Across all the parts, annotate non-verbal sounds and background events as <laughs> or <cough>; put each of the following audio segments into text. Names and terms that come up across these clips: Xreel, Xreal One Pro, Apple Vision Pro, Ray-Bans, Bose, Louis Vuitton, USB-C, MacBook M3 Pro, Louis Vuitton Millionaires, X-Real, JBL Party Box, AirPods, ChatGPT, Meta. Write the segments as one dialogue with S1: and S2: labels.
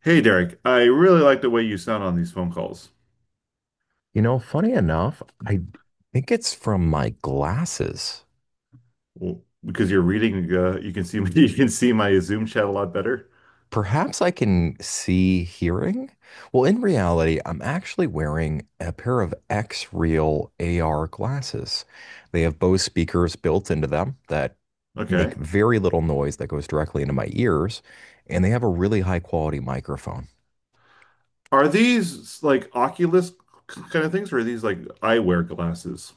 S1: Hey Derek, I really like the way you sound on these phone calls.
S2: You know, funny enough, I think it's from my glasses.
S1: Well, because you're reading, you can see me, <laughs> you can see my Zoom chat a lot better.
S2: Perhaps I can see hearing. Well, in reality, I'm actually wearing a pair of X-Real AR glasses. They have Bose speakers built into them that make
S1: Okay.
S2: very little noise that goes directly into my ears, and they have a really high quality microphone.
S1: Are these like Oculus kind of things, or are these like eyewear glasses?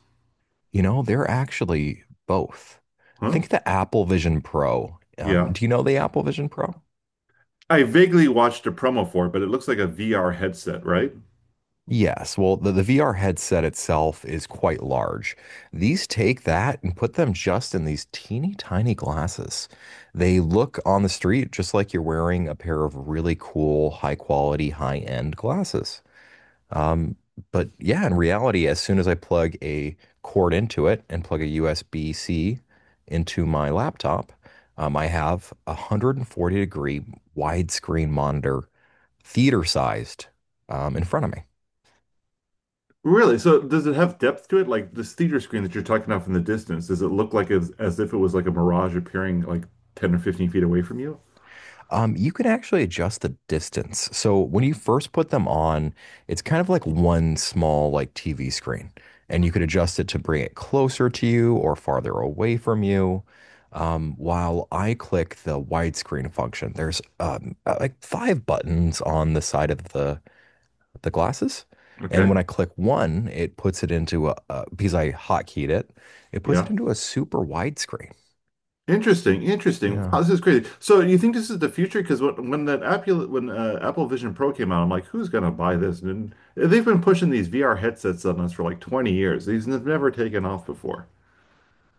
S2: You know, they're actually both.
S1: Huh?
S2: Think the Apple Vision Pro.
S1: Yeah.
S2: Do you know the Apple Vision Pro?
S1: I vaguely watched a promo for it, but it looks like a VR headset, right?
S2: Yes, well, the VR headset itself is quite large. These take that and put them just in these teeny tiny glasses. They look on the street just like you're wearing a pair of really cool, high quality, high end glasses. Um, but yeah, in reality, as soon as I plug a cord into it and plug a USB-C into my laptop, I have a 140-degree widescreen monitor, theater sized, in front of me.
S1: Really? So does it have depth to it? Like this theater screen that you're talking about from the distance, does it look like as if it was like a mirage appearing like 10 or 15 feet away from you?
S2: You can actually adjust the distance. So when you first put them on, it's kind of like one small like TV screen, and you could adjust it to bring it closer to you or farther away from you. While I click the widescreen function, there's like five buttons on the side of the glasses, and
S1: Okay.
S2: when I click one, it puts it into a because I hotkeyed it, it puts it
S1: Yeah.
S2: into a super widescreen.
S1: Interesting, interesting.
S2: Yeah.
S1: Wow, this is crazy. So you think this is the future? Because when that Apple Vision Pro came out, I'm like, who's gonna buy this? And they've been pushing these VR headsets on us for like 20 years. These have never taken off before.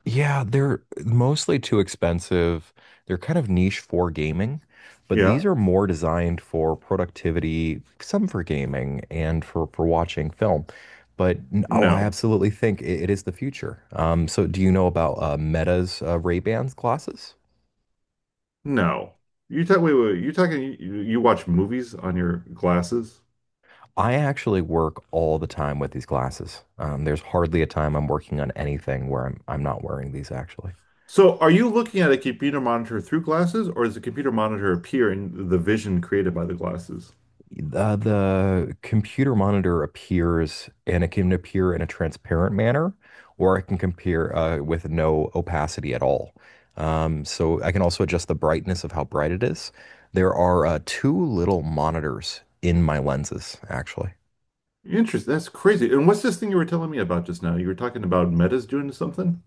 S2: Yeah, they're mostly too expensive. They're kind of niche for gaming, but
S1: Yeah?
S2: these are more designed for productivity, some for gaming and for watching film. Oh, I
S1: No,
S2: absolutely think it is the future. So do you know about Meta's Ray-Bans glasses?
S1: no. You talk. Wait, wait. You talking? You watch movies on your glasses?
S2: I actually work all the time with these glasses. There's hardly a time I'm working on anything where I'm not wearing these actually.
S1: So are you looking at a computer monitor through glasses, or does the computer monitor appear in the vision created by the glasses?
S2: The computer monitor appears and it can appear in a transparent manner, or it can compare with no opacity at all. So I can also adjust the brightness of how bright it is. There are two little monitors in my lenses, actually.
S1: Interesting. That's crazy. And what's this thing you were telling me about just now? You were talking about Meta's doing something?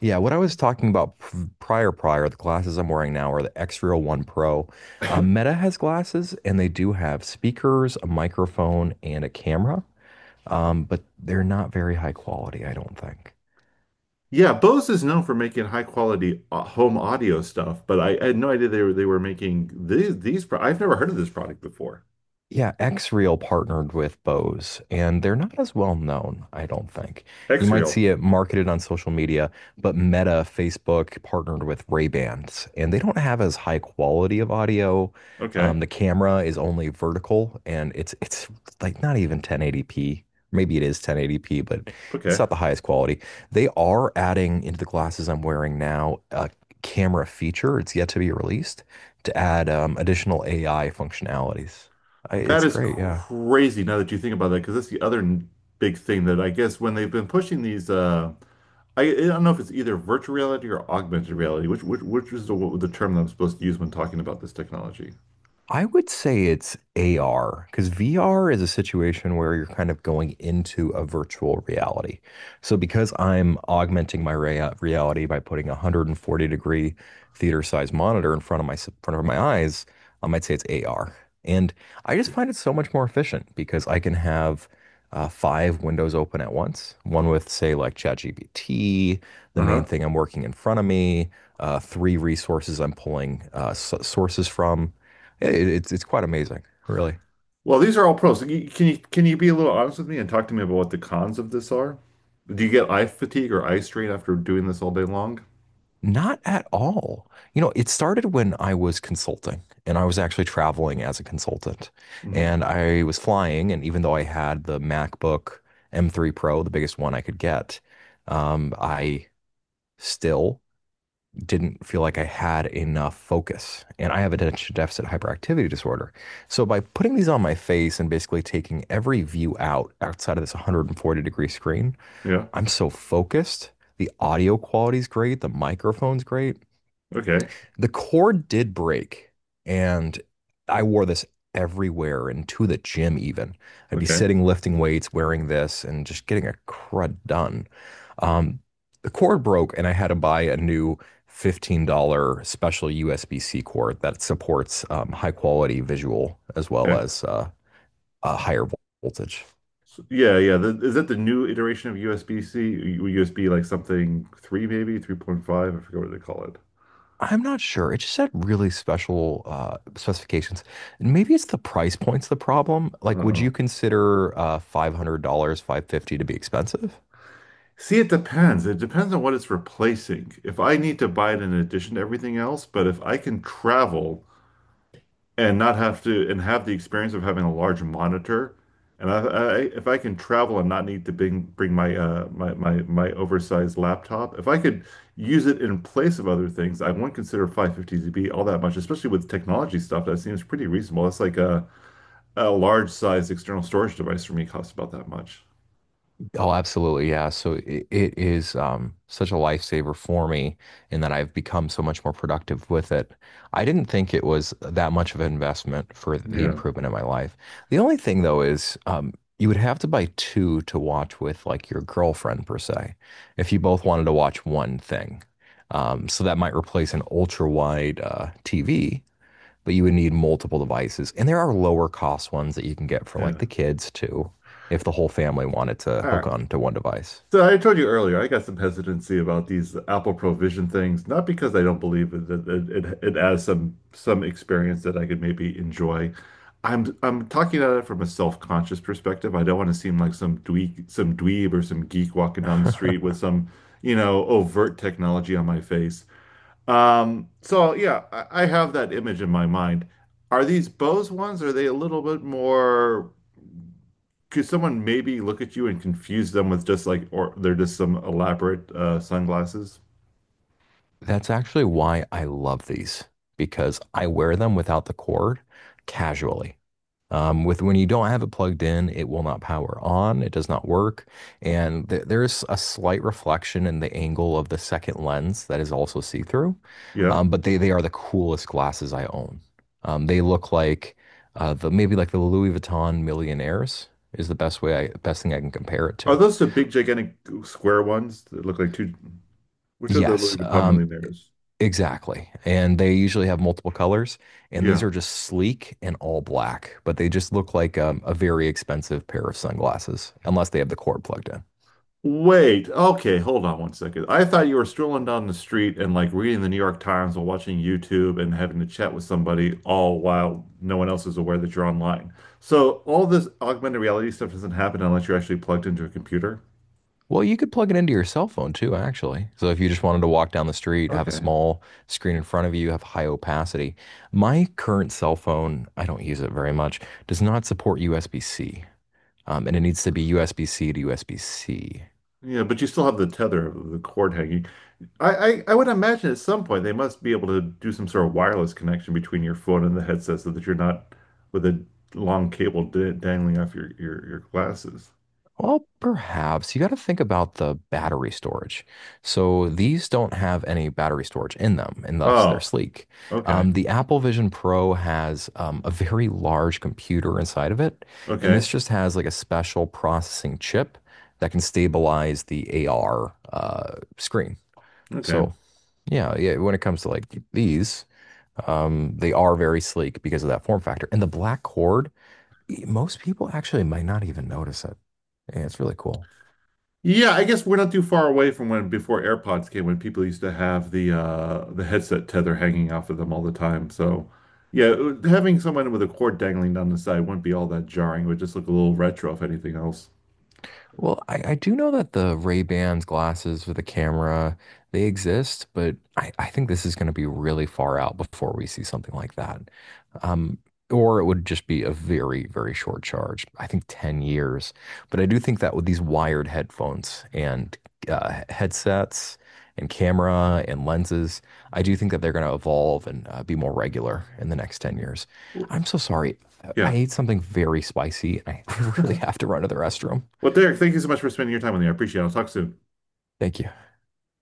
S2: Yeah, what I was talking about prior, the glasses I'm wearing now are the Xreal One Pro. Meta has glasses, and they do have speakers, a microphone, and a camera. But they're not very high quality, I don't think.
S1: Yeah, Bose is known for making high quality home audio stuff, but I had no idea they were making these pro I've never heard of this product before.
S2: Yeah, X-Reel partnered with Bose, and they're not as well known, I don't think. You might
S1: Xreel.
S2: see it marketed on social media, but Meta, Facebook partnered with Ray-Bans, and they don't have as high quality of audio.
S1: Okay.
S2: The camera is only vertical, and it's like not even 1080p. Maybe it is 1080p, but it's
S1: Okay.
S2: not the highest quality. They are adding into the glasses I'm wearing now a camera feature. It's yet to be released to add additional AI functionalities. I,
S1: That
S2: it's
S1: is
S2: great. Yeah.
S1: crazy now that you think about that, because that's big thing that I guess when they've been pushing these I don't know if it's either virtual reality or augmented reality, which which is the term that I'm supposed to use when talking about this technology.
S2: I would say it's AR because VR is a situation where you're kind of going into a virtual reality. So because I'm augmenting my reality by putting a 140-degree theater size monitor in front of front of my eyes, I might say it's AR. And I just find it so much more efficient because I can have five windows open at once, one with say like ChatGPT, the main
S1: Uh-huh.
S2: thing I'm working in front of me, three resources I'm pulling s sources from yeah, it's quite amazing, really.
S1: Well, these are all pros. Can you be a little honest with me and talk to me about what the cons of this are? Do you get eye fatigue or eye strain after doing this all day long?
S2: Not at all. You know, it started when I was consulting and I was actually traveling as a consultant.
S1: Hmm.
S2: And I was flying, and even though I had the MacBook M3 Pro, the biggest one I could get, I still didn't feel like I had enough focus. And I have attention deficit hyperactivity disorder. So by putting these on my face and basically taking every view outside of this 140-degree screen,
S1: Yeah.
S2: I'm so focused. The audio quality's great. The microphone's great.
S1: Okay.
S2: The cord did break, and I wore this everywhere and to the gym even. I'd be
S1: Okay.
S2: sitting lifting weights wearing this and just getting a crud done. Um, the cord broke, and I had to buy a new $15 special USB-C cord that supports high quality visual as well
S1: Okay.
S2: as a higher voltage.
S1: So, yeah, yeah. The, is that the new iteration of USB-C? USB like something three maybe, 3.5? I forget what they call it.
S2: I'm not sure. It just had really special specifications. And maybe it's the price point's the problem. Like, would you
S1: Uh-oh.
S2: consider $500, 550 to be expensive?
S1: See, it depends. It depends on what it's replacing. If I need to buy it in addition to everything else, but if I can travel and not have to and have the experience of having a large monitor. And I if I can travel and not need to bring my oversized laptop, if I could use it in place of other things, I wouldn't consider 550 to be all that much, especially with technology stuff. That seems pretty reasonable. That's like a large size external storage device for me costs about that much.
S2: Oh, absolutely. Yeah. So it is such a lifesaver for me in that I've become so much more productive with it. I didn't think it was that much of an investment for the
S1: Yeah,
S2: improvement in my life. The only thing, though, is you would have to buy two to watch with like your girlfriend, per se, if you both wanted to watch one thing. So that might replace an ultra wide TV but you would need multiple devices. And there are lower cost ones that you can get for like
S1: yeah.
S2: the kids too, if the whole family wanted to
S1: All
S2: hook
S1: right.
S2: on to one device.
S1: So I told you earlier, I got some hesitancy about these Apple Provision things, not because I don't believe it that it adds some experience that I could maybe enjoy. I'm talking about it from a self-conscious perspective. I don't want to seem like some dweeb or some geek walking down the street
S2: <laughs>
S1: with some, you know, overt technology on my face. So yeah, I have that image in my mind. Are these Bose ones? Are they a little bit more? Could someone maybe look at you and confuse them with just like, or they're just some elaborate sunglasses?
S2: That's actually why I love these because I wear them without the cord casually. With when you don't have it plugged in, it will not power on. It does not work, and there's a slight reflection in the angle of the second lens that is also see-through.
S1: Yeah.
S2: But they are the coolest glasses I own. They look like the maybe like the Louis Vuitton Millionaires is the best way I best thing I can compare it
S1: Are
S2: to.
S1: those the big, gigantic square ones that look like two? Which are the
S2: Yes,
S1: Louis Vuitton millionaires?
S2: exactly. And they usually have multiple colors, and these
S1: Yeah.
S2: are just sleek and all black, but they just look like a very expensive pair of sunglasses, unless they have the cord plugged in.
S1: Wait. Okay. Hold on 1 second. I thought you were strolling down the street and like reading the New York Times or watching YouTube and having a chat with somebody all while no one else is aware that you're online. So all this augmented reality stuff doesn't happen unless you're actually plugged into a computer.
S2: Well, you could plug it into your cell phone too, actually. So if you just wanted to walk down the street, have a
S1: Okay.
S2: small screen in front of you, have high opacity. My current cell phone, I don't use it very much, does not support USB-C. And it needs to be USB-C to USB-C.
S1: Yeah, but you still have the tether of the cord hanging. You I would imagine at some point they must be able to do some sort of wireless connection between your phone and the headset so that you're not with a long cable d dangling off your glasses.
S2: Well, perhaps you got to think about the battery storage. So these don't have any battery storage in them, and thus they're
S1: Oh,
S2: sleek.
S1: okay.
S2: The Apple Vision Pro has a very large computer inside of it, and
S1: Okay.
S2: this just has like a special processing chip that can stabilize the AR screen.
S1: Okay.
S2: So yeah, yeah, when it comes to like these, they are very sleek because of that form factor. And the black cord, most people actually might not even notice it. Yeah, it's really cool.
S1: Yeah, I guess we're not too far away from when before AirPods came, when people used to have the headset tether hanging off of them all the time. So yeah, having someone with a cord dangling down the side wouldn't be all that jarring. It would just look a little retro if anything else.
S2: Well, I do know that the Ray-Bans glasses with the camera, they exist, but I think this is going to be really far out before we see something like that. Um, or it would just be a very, very short charge. I think 10 years. But I do think that with these wired headphones and headsets and camera and lenses, I do think that they're going to evolve and be more regular in the next 10 years.
S1: Oh,
S2: I'm so sorry. I
S1: yeah.
S2: ate something very spicy and I <laughs> really
S1: <laughs>
S2: have to run to the restroom.
S1: Well, Derek, thank you so much for spending your time with me. I appreciate it. I'll talk soon.
S2: Thank you.